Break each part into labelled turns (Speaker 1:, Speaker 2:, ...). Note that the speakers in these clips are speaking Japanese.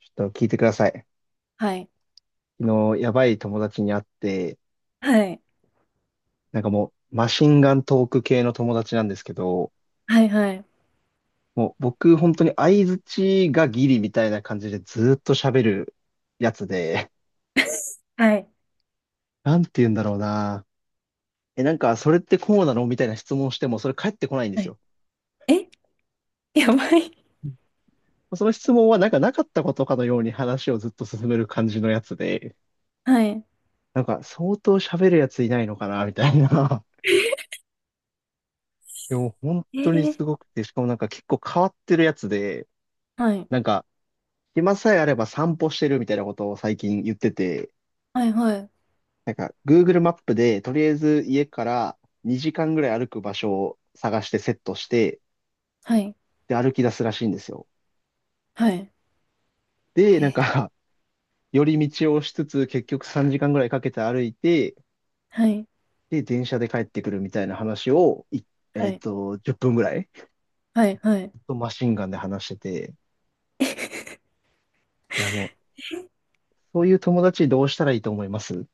Speaker 1: ちょっと聞いてください。
Speaker 2: はい。
Speaker 1: 昨日、やばい友達に会って、
Speaker 2: はい。
Speaker 1: なんかもう、マシンガントーク系の友達なんですけど、
Speaker 2: はい。はい。
Speaker 1: もう僕、本当に相槌がギリみたいな感じでずーっと喋るやつで、
Speaker 2: はい。
Speaker 1: なんて言うんだろうな。え、なんか、それってこうなのみたいな質問しても、それ返ってこないんで
Speaker 2: は
Speaker 1: す
Speaker 2: い。
Speaker 1: よ。
Speaker 2: え。 やばい。
Speaker 1: その質問は、なんかなかったことかのように話をずっと進める感じのやつで、
Speaker 2: はい。
Speaker 1: なんか、相当喋るやついないのかなみたいな。でも、本
Speaker 2: え
Speaker 1: 当にす
Speaker 2: ー、
Speaker 1: ごくて、しかもなんか結構変わってるやつで、
Speaker 2: はい。
Speaker 1: なんか、暇さえあれば散歩してるみたいなことを最近言ってて、
Speaker 2: はい。はい。
Speaker 1: なんか Google マップでとりあえず家から2時間ぐらい歩く場所を探してセットして、
Speaker 2: はい。
Speaker 1: で歩き出すらしいんですよ。
Speaker 2: はい。
Speaker 1: で、
Speaker 2: え
Speaker 1: なん
Speaker 2: ー
Speaker 1: か 寄り道をしつつ結局3時間ぐらいかけて歩いて、
Speaker 2: はい。
Speaker 1: で、電車で帰ってくるみたいな話を、い
Speaker 2: は
Speaker 1: えっ
Speaker 2: い。
Speaker 1: と、10分ぐらい、
Speaker 2: はい。はい。
Speaker 1: ずっとマシンガンで話してて、いやもう、そういう友達どうしたらいいと思います？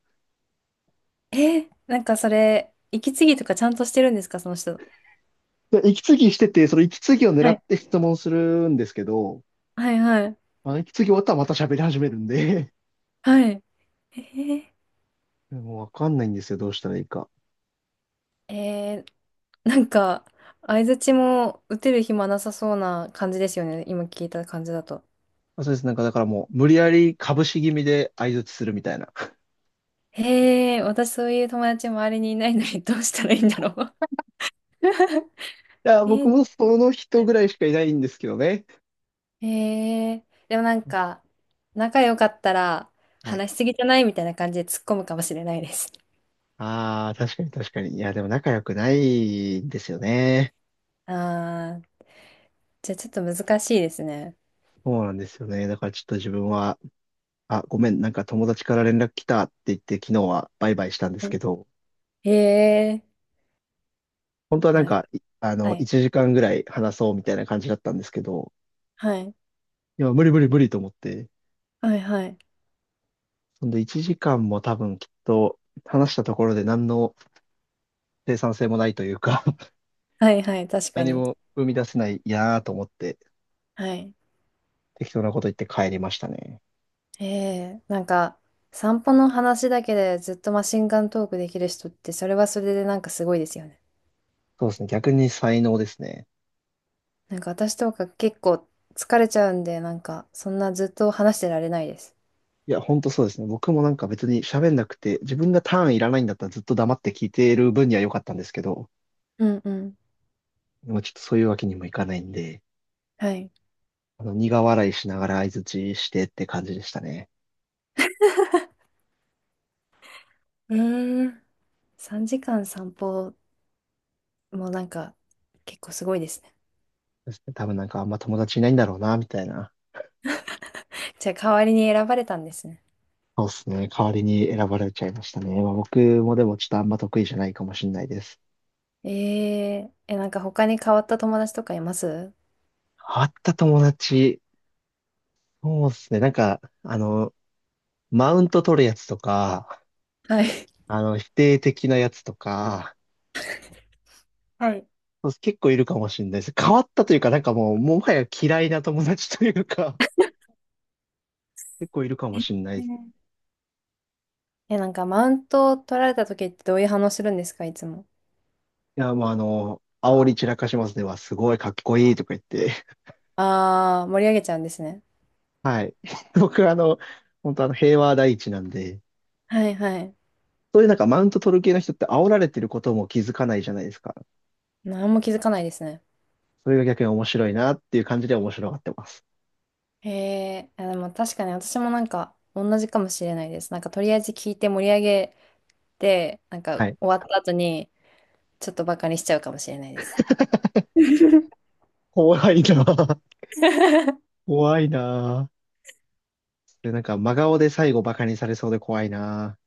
Speaker 2: なんかそれ、息継ぎとかちゃんとしてるんですか、その人。
Speaker 1: で、息継ぎしてて、その息継ぎを狙
Speaker 2: は
Speaker 1: っ
Speaker 2: い。
Speaker 1: て質問するんですけど、
Speaker 2: はい。はい。
Speaker 1: まあ、息継ぎ終わったらまた喋り始めるんで
Speaker 2: はい。え
Speaker 1: もうわかんないんですよ。どうしたらいいか。
Speaker 2: ー、えーなんか、相槌も打てる暇なさそうな感じですよね。今聞いた感じだと。
Speaker 1: まあ、そうです。なんかだからもう無理やり株式気味で相槌するみたいな。い
Speaker 2: へえ、私そういう友達周りにいないのにどうしたらいいんだろう。
Speaker 1: や、
Speaker 2: え
Speaker 1: 僕
Speaker 2: ー、
Speaker 1: もその人ぐらいしかいないんですけどね。
Speaker 2: へえ、でもなんか、仲良かったら
Speaker 1: はい。
Speaker 2: 話しすぎじゃないみたいな感じで突っ込むかもしれないです。
Speaker 1: ああ、確かに確かに。いや、でも仲良くないんですよね。
Speaker 2: ああ、じゃあちょっと難しいですね。
Speaker 1: そうなんですよね。だからちょっと自分は、あ、ごめん、なんか友達から連絡来たって言って昨日はバイバイしたんで
Speaker 2: は
Speaker 1: す
Speaker 2: い。
Speaker 1: けど、
Speaker 2: へえ、
Speaker 1: 本当は
Speaker 2: い
Speaker 1: なん
Speaker 2: や、
Speaker 1: か、いあ
Speaker 2: は
Speaker 1: の、
Speaker 2: い、
Speaker 1: 1時間ぐらい話そうみたいな感じだったんですけど、
Speaker 2: はい、
Speaker 1: いや、無理無理無理と思って、
Speaker 2: はい、はい、
Speaker 1: ほんで1時間も多分きっと話したところで何の生産性もないというか
Speaker 2: はい、はい、確か
Speaker 1: 何
Speaker 2: に。
Speaker 1: も生み出せないなぁと思って
Speaker 2: はい。
Speaker 1: 適当なこと言って帰りましたね。
Speaker 2: へえ、なんか、散歩の話だけでずっとマシンガントークできる人って、それはそれでなんかすごいですよね。
Speaker 1: そうですね。逆に才能ですね。
Speaker 2: なんか私とか結構疲れちゃうんで、なんかそんなずっと話してられないです。
Speaker 1: いや、ほんとそうですね。僕もなんか別に喋んなくて、自分がターンいらないんだったらずっと黙って聞いている分には良かったんですけど、
Speaker 2: うんうん。
Speaker 1: でもちょっとそういうわけにもいかないんで、
Speaker 2: はい。
Speaker 1: あの苦笑いしながら相槌してって感じでしたね。
Speaker 2: うーん。3時間散歩もなんか結構すごいですね。
Speaker 1: そうですね多分なんかあんま友達いないんだろうな、みたいな。
Speaker 2: じゃあ代わりに選ばれたんですね。
Speaker 1: そうですね。代わりに選ばれちゃいましたね。まあ、僕もでもちょっとあんま得意じゃないかもしれないです。
Speaker 2: ええ、なんか他に変わった友達とかいます？
Speaker 1: 変わった友達。そうですね。なんか、あの、マウント取るやつとか、
Speaker 2: はい。
Speaker 1: あの、否定的なやつとか、
Speaker 2: はい。
Speaker 1: そう結構いるかもしれないです。変わったというか、なんかもう、もはや嫌いな友達というか、結構いるか
Speaker 2: え
Speaker 1: もしれないです。
Speaker 2: ーえ、なんかマウントを取られた時ってどういう反応するんですか、いつも。
Speaker 1: いや、もうあの、煽り散らかしますね。わ、すごいかっこいいとか言って。
Speaker 2: あー、盛り上げちゃうんですね。
Speaker 1: 僕あの、本当あの、平和第一なんで、
Speaker 2: はいはい。
Speaker 1: そういうなんかマウント取る系の人って煽られてることも気づかないじゃないですか。
Speaker 2: 何も気づかないですね。
Speaker 1: それが逆に面白いなっていう感じで面白がってます。
Speaker 2: へえ、あ、でも確かに私もなんか同じかもしれないです。なんかとりあえず聞いて盛り上げて、なんか
Speaker 1: はい。
Speaker 2: 終わった後にちょっとバカにしちゃうかもしれないです。
Speaker 1: 怖いなぁ。怖いなぁ。それなんか真顔で最後バカにされそうで怖いな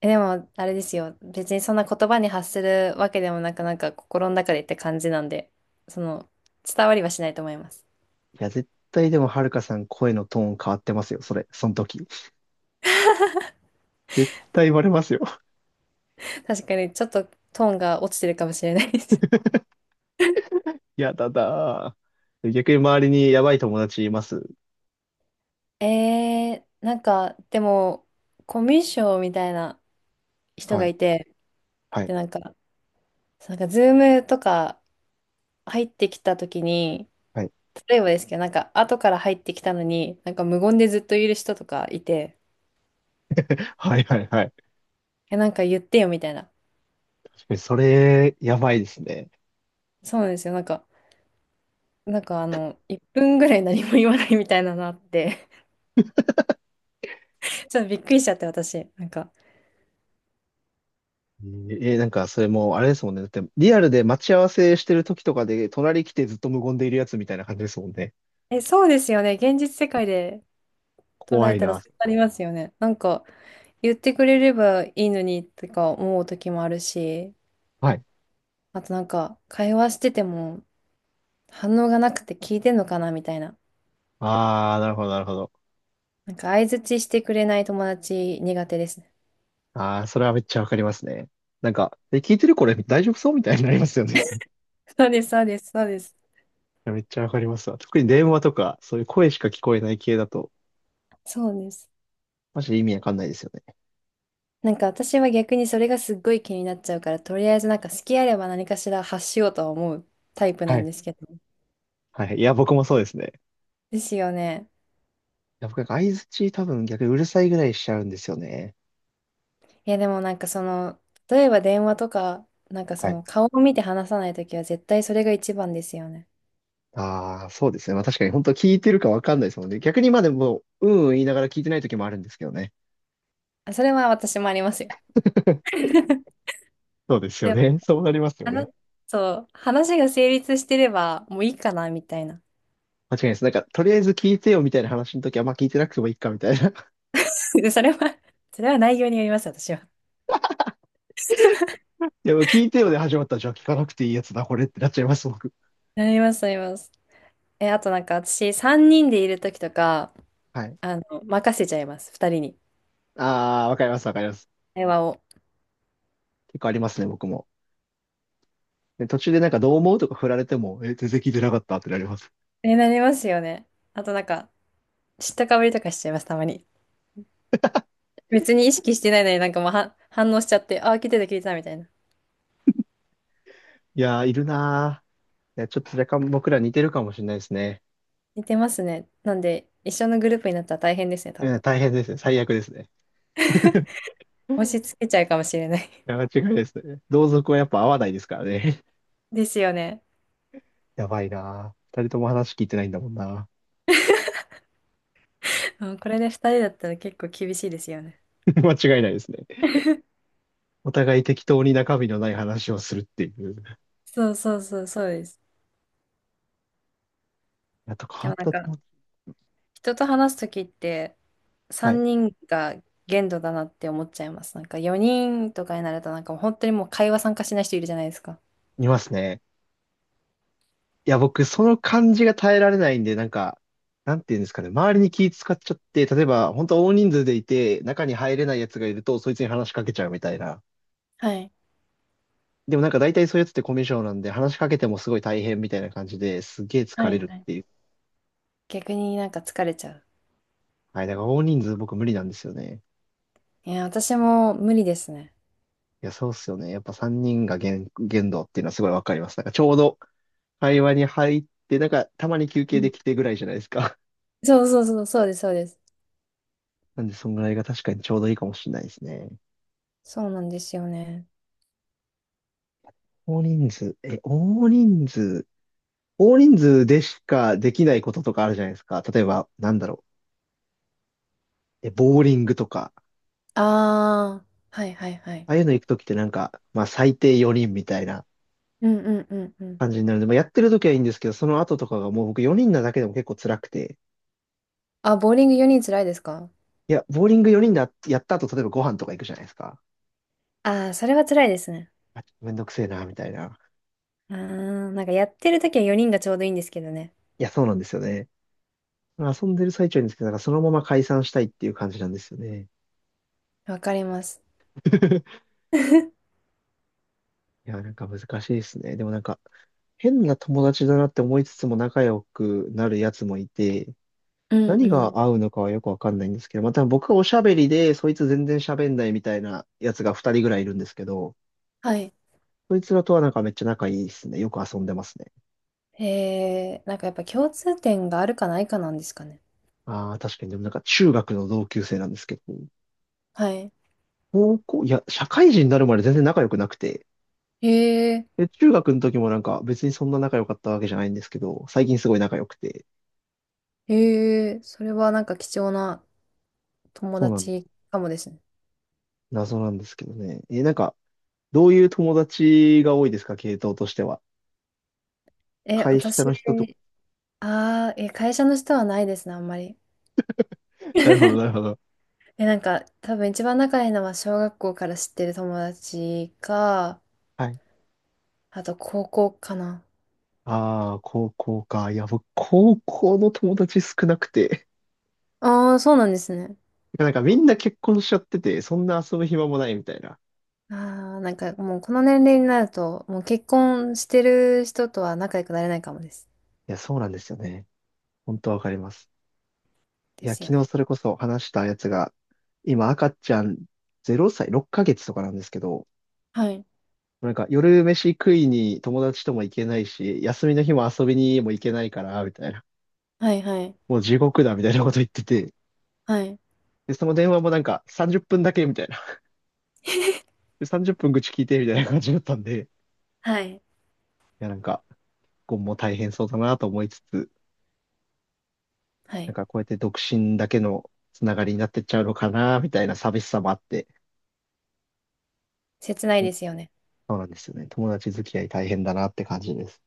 Speaker 2: え、でもあれですよ。別にそんな言葉に発するわけでもなく、なんか心の中でって感じなんで、その伝わりはしないと思います。
Speaker 1: ぁ。いや、絶対でもはるかさん声のトーン変わってますよ。それ、その時。絶対言われますよ。
Speaker 2: 確かにちょっとトーンが落ちてるかもしれないです。
Speaker 1: やだだぁ。逆に周りにやばい友達います？
Speaker 2: なんかでもコミュ障みたいな人
Speaker 1: は
Speaker 2: が
Speaker 1: い。
Speaker 2: いて、
Speaker 1: はい。
Speaker 2: で、なんかズームとか入ってきた時に、
Speaker 1: はい。
Speaker 2: 例えばですけど、なんか後から入ってきたのに、なんか無言でずっといる人とかいて、
Speaker 1: はいはいはい。
Speaker 2: え、なんか言ってよみたいな。
Speaker 1: 確かにそれ、やばいですね。
Speaker 2: そうなんですよ。なんか、1分ぐらい何も言わないみたいなのあって、ちょっとびっくりしちゃって私。なんか、
Speaker 1: えーえーなんか、それもう、あれですもんね。だって、リアルで待ち合わせしてる時とかで、隣来てずっと無言でいるやつみたいな感じですもんね。
Speaker 2: え、そうですよね。現実世界で捉
Speaker 1: 怖
Speaker 2: え
Speaker 1: い
Speaker 2: たらそ
Speaker 1: な。
Speaker 2: うなりますよね。なんか、言ってくれればいいのにとか思う時もあるし、
Speaker 1: はい。
Speaker 2: あとなんか、会話してても反応がなくて聞いてんのかなみたいな。
Speaker 1: ああ、なるほど、なるほど。
Speaker 2: なんか相槌してくれない友達苦手ですね。
Speaker 1: ああ、それはめっちゃわかりますね。なんか、え、聞いてるこれ大丈夫そうみたいになりますよね。
Speaker 2: そうです、そうです、そうです。
Speaker 1: いやめっちゃわかりますわ。特に電話とか、そういう声しか聞こえない系だと、
Speaker 2: そうです。
Speaker 1: マジで意味わかんないですよね。
Speaker 2: なんか私は逆にそれがすっごい気になっちゃうから、とりあえずなんか好きあれば何かしら発しようとは思うタイプ
Speaker 1: は
Speaker 2: なん
Speaker 1: い。
Speaker 2: ですけど。
Speaker 1: はいはい、いや、僕もそうですね。
Speaker 2: ですよね。
Speaker 1: いや、僕、相槌多分逆にうるさいぐらいしちゃうんですよね。
Speaker 2: いや、でもなんかその、例えば電話とか、なんかそ
Speaker 1: はい。
Speaker 2: の顔を見て話さないときは絶対それが一番ですよね。
Speaker 1: ああ、そうですね。まあ確かに本当聞いてるかわかんないですもんね。逆にまあでも、うんうん言いながら聞いてない時もあるんですけどね。
Speaker 2: あ、それは私もありますよ。
Speaker 1: そうですよ
Speaker 2: でも、
Speaker 1: ね。そうなりますよ
Speaker 2: あ
Speaker 1: ね。
Speaker 2: の、そう、話が成立してればもういいかなみたいな。
Speaker 1: 間違いないです。なんか、とりあえず聞いてよみたいな話の時は、まあ聞いてなくてもいいかみたいな。
Speaker 2: それは、それは内容によります、私は。
Speaker 1: いや、もう聞いてよで始まったら、じゃあ聞かなくていいやつだ、これってなっちゃいます、僕。
Speaker 2: なります、なります。え、あとなんか私、3人でいるときとか、
Speaker 1: はい。
Speaker 2: 任せちゃいます、2人に。
Speaker 1: ああ、わかります、わかります。
Speaker 2: 会話を。
Speaker 1: 結構ありますね、僕も。で、途中でなんかどう思うとか振られても、え、全然聞いてなかったってなります。
Speaker 2: え、なりますよね。あとなんか、知ったかぶりとかしちゃいます、たまに。別に意識してないのになんかもうは反応しちゃって、あ、聞いてた、聞いてた、みたいな。
Speaker 1: いやー、いるなー。いや、ちょっと若干僕ら似てるかもしれないですね。
Speaker 2: 似てますね。なんで、一緒のグループになったら大変ですね、多
Speaker 1: う
Speaker 2: 分。
Speaker 1: ん、大変ですね。最悪ですね。
Speaker 2: 押し
Speaker 1: い
Speaker 2: 付けちゃうかもしれない。
Speaker 1: や、間違いないですね。同族はやっぱ合わないですからね。
Speaker 2: ですよね。
Speaker 1: やばいなー。二人とも話聞いてないんだもんな。
Speaker 2: うん。これで2人だったら結構厳しいですよね。
Speaker 1: 間違いないですね。お互い適当に中身のない話をするっていう。
Speaker 2: そうそうそう、そうです。
Speaker 1: やっと変
Speaker 2: で
Speaker 1: わ
Speaker 2: も
Speaker 1: っ
Speaker 2: なん
Speaker 1: たと思
Speaker 2: か、
Speaker 1: う。
Speaker 2: 人と話すときって
Speaker 1: はい。
Speaker 2: 3人が限度だなって思っちゃいます。なんか4人とかになるとなんかもう本当にもう会話参加しない人いるじゃないですか。
Speaker 1: いますね。いや、僕、その感じが耐えられないんで、なんか、なんていうんですかね。周りに気使っちゃって、例えば、本当大人数でいて、中に入れないやつがいると、そいつに話しかけちゃうみたいな。
Speaker 2: はい。
Speaker 1: でもなんか大体そういうやつってコミュ障なんで、話しかけてもすごい大変みたいな感じですげえ
Speaker 2: は
Speaker 1: 疲
Speaker 2: い
Speaker 1: れる
Speaker 2: は
Speaker 1: っ
Speaker 2: い。
Speaker 1: ていう。
Speaker 2: 逆になんか疲れちゃう。
Speaker 1: はい。だから大人数僕無理なんですよね。
Speaker 2: いや、私も無理ですね。
Speaker 1: いや、そうっすよね。やっぱ3人が限度っていうのはすごいわかります。なんかちょうど会話に入って、なんか、たまに休
Speaker 2: う
Speaker 1: 憩で
Speaker 2: ん。
Speaker 1: きてぐらいじゃないですか。
Speaker 2: そうそうそう、そうです、そうです。
Speaker 1: なんで、そんぐらいが確かにちょうどいいかもしれないですね。
Speaker 2: そうなんですよね。
Speaker 1: 大人数、え、大人数、大人数でしかできないこととかあるじゃないですか。例えば、なんだろう、ボーリングとか、
Speaker 2: ああ、はいはいはい。
Speaker 1: ああいうの行くときってなんか、まあ、最低4人みたいな
Speaker 2: うんうんうんうん。
Speaker 1: 感じになるので、まあ、やってるときはいいんですけど、その後とかがもう僕4人なだけでも結構辛くて、
Speaker 2: あ、ボーリング4人辛いですか？
Speaker 1: いや、ボーリング4人やった後、例えばご飯とか行くじゃないですか。
Speaker 2: ああー、それは辛いですね。
Speaker 1: あ、ちょっとめんどくせえな、みたいな。
Speaker 2: うーん、なんかやってるときは4人がちょうどいいんですけどね。
Speaker 1: いや、そうなんですよね。遊んでる最中にですけど、なんかそのまま解散したいっていう感じなんですよね。
Speaker 2: わかります。
Speaker 1: いや、なんか難しいですね。でもなんか、変な友達だなって思いつつも仲良くなるやつもいて、
Speaker 2: うん
Speaker 1: 何
Speaker 2: うん。
Speaker 1: が合うのかはよくわかんないんですけど、また僕がおしゃべりで、そいつ全然喋んないみたいなやつが2人ぐらいいるんですけど、
Speaker 2: はい。
Speaker 1: そいつらとはなんかめっちゃ仲いいですね。よく遊んでますね。
Speaker 2: へえ、なんかやっぱ共通点があるかないかなんですかね。
Speaker 1: ああ、確かに。でもなんか中学の同級生なんですけど、
Speaker 2: はい。
Speaker 1: 高校、いや、社会人になるまで全然仲良くなくて、
Speaker 2: へえ、
Speaker 1: で、中学の時もなんか別にそんな仲良かったわけじゃないんですけど、最近すごい仲良くて、
Speaker 2: へえ、それはなんか貴重な友
Speaker 1: そうなの。
Speaker 2: 達かもですね。
Speaker 1: 謎なんですけどね。え、なんか、どういう友達が多いですか、系統としては。
Speaker 2: え、
Speaker 1: 会社
Speaker 2: 私、
Speaker 1: の人とか。
Speaker 2: ああ、え、会社の人はないですね、あんまり。
Speaker 1: な るほど、なるほど。
Speaker 2: え、なんか多分一番仲いいのは小学校から知ってる友達か、
Speaker 1: はい。
Speaker 2: あと高校かな。
Speaker 1: ああ、高校か。いや、僕、高校の友達少なくて。
Speaker 2: ああ、そうなんですね。
Speaker 1: なんかみんな結婚しちゃってて、そんな遊ぶ暇もないみたいな。
Speaker 2: ああ、なんかもうこの年齢になると、もう結婚してる人とは仲良くなれないかもです。
Speaker 1: いや、そうなんですよね。本当わかります。い
Speaker 2: で
Speaker 1: や、
Speaker 2: すよ
Speaker 1: 昨日
Speaker 2: ね。
Speaker 1: それこそ話したやつが、今赤ちゃん0歳、6ヶ月とかなんですけど、
Speaker 2: はい。
Speaker 1: なんか夜飯食いに友達とも行けないし、休みの日も遊びにも行けないから、みたいな。
Speaker 2: はいはい。
Speaker 1: もう地獄だ、みたいなこと言ってて。
Speaker 2: はい。
Speaker 1: で、その電話もなんか30分だけ、みたいな。で、30分愚痴聞いて、みたいな感じだったんで。い
Speaker 2: はい。
Speaker 1: や、なんか、今後も大変そうだなと思いつつ、
Speaker 2: は
Speaker 1: なん
Speaker 2: い。
Speaker 1: かこうやって独身だけのつながりになってっちゃうのかな、みたいな寂しさもあって。
Speaker 2: 切ないです
Speaker 1: そ
Speaker 2: よね。
Speaker 1: うなんですよね。友達付き合い大変だなって感じです。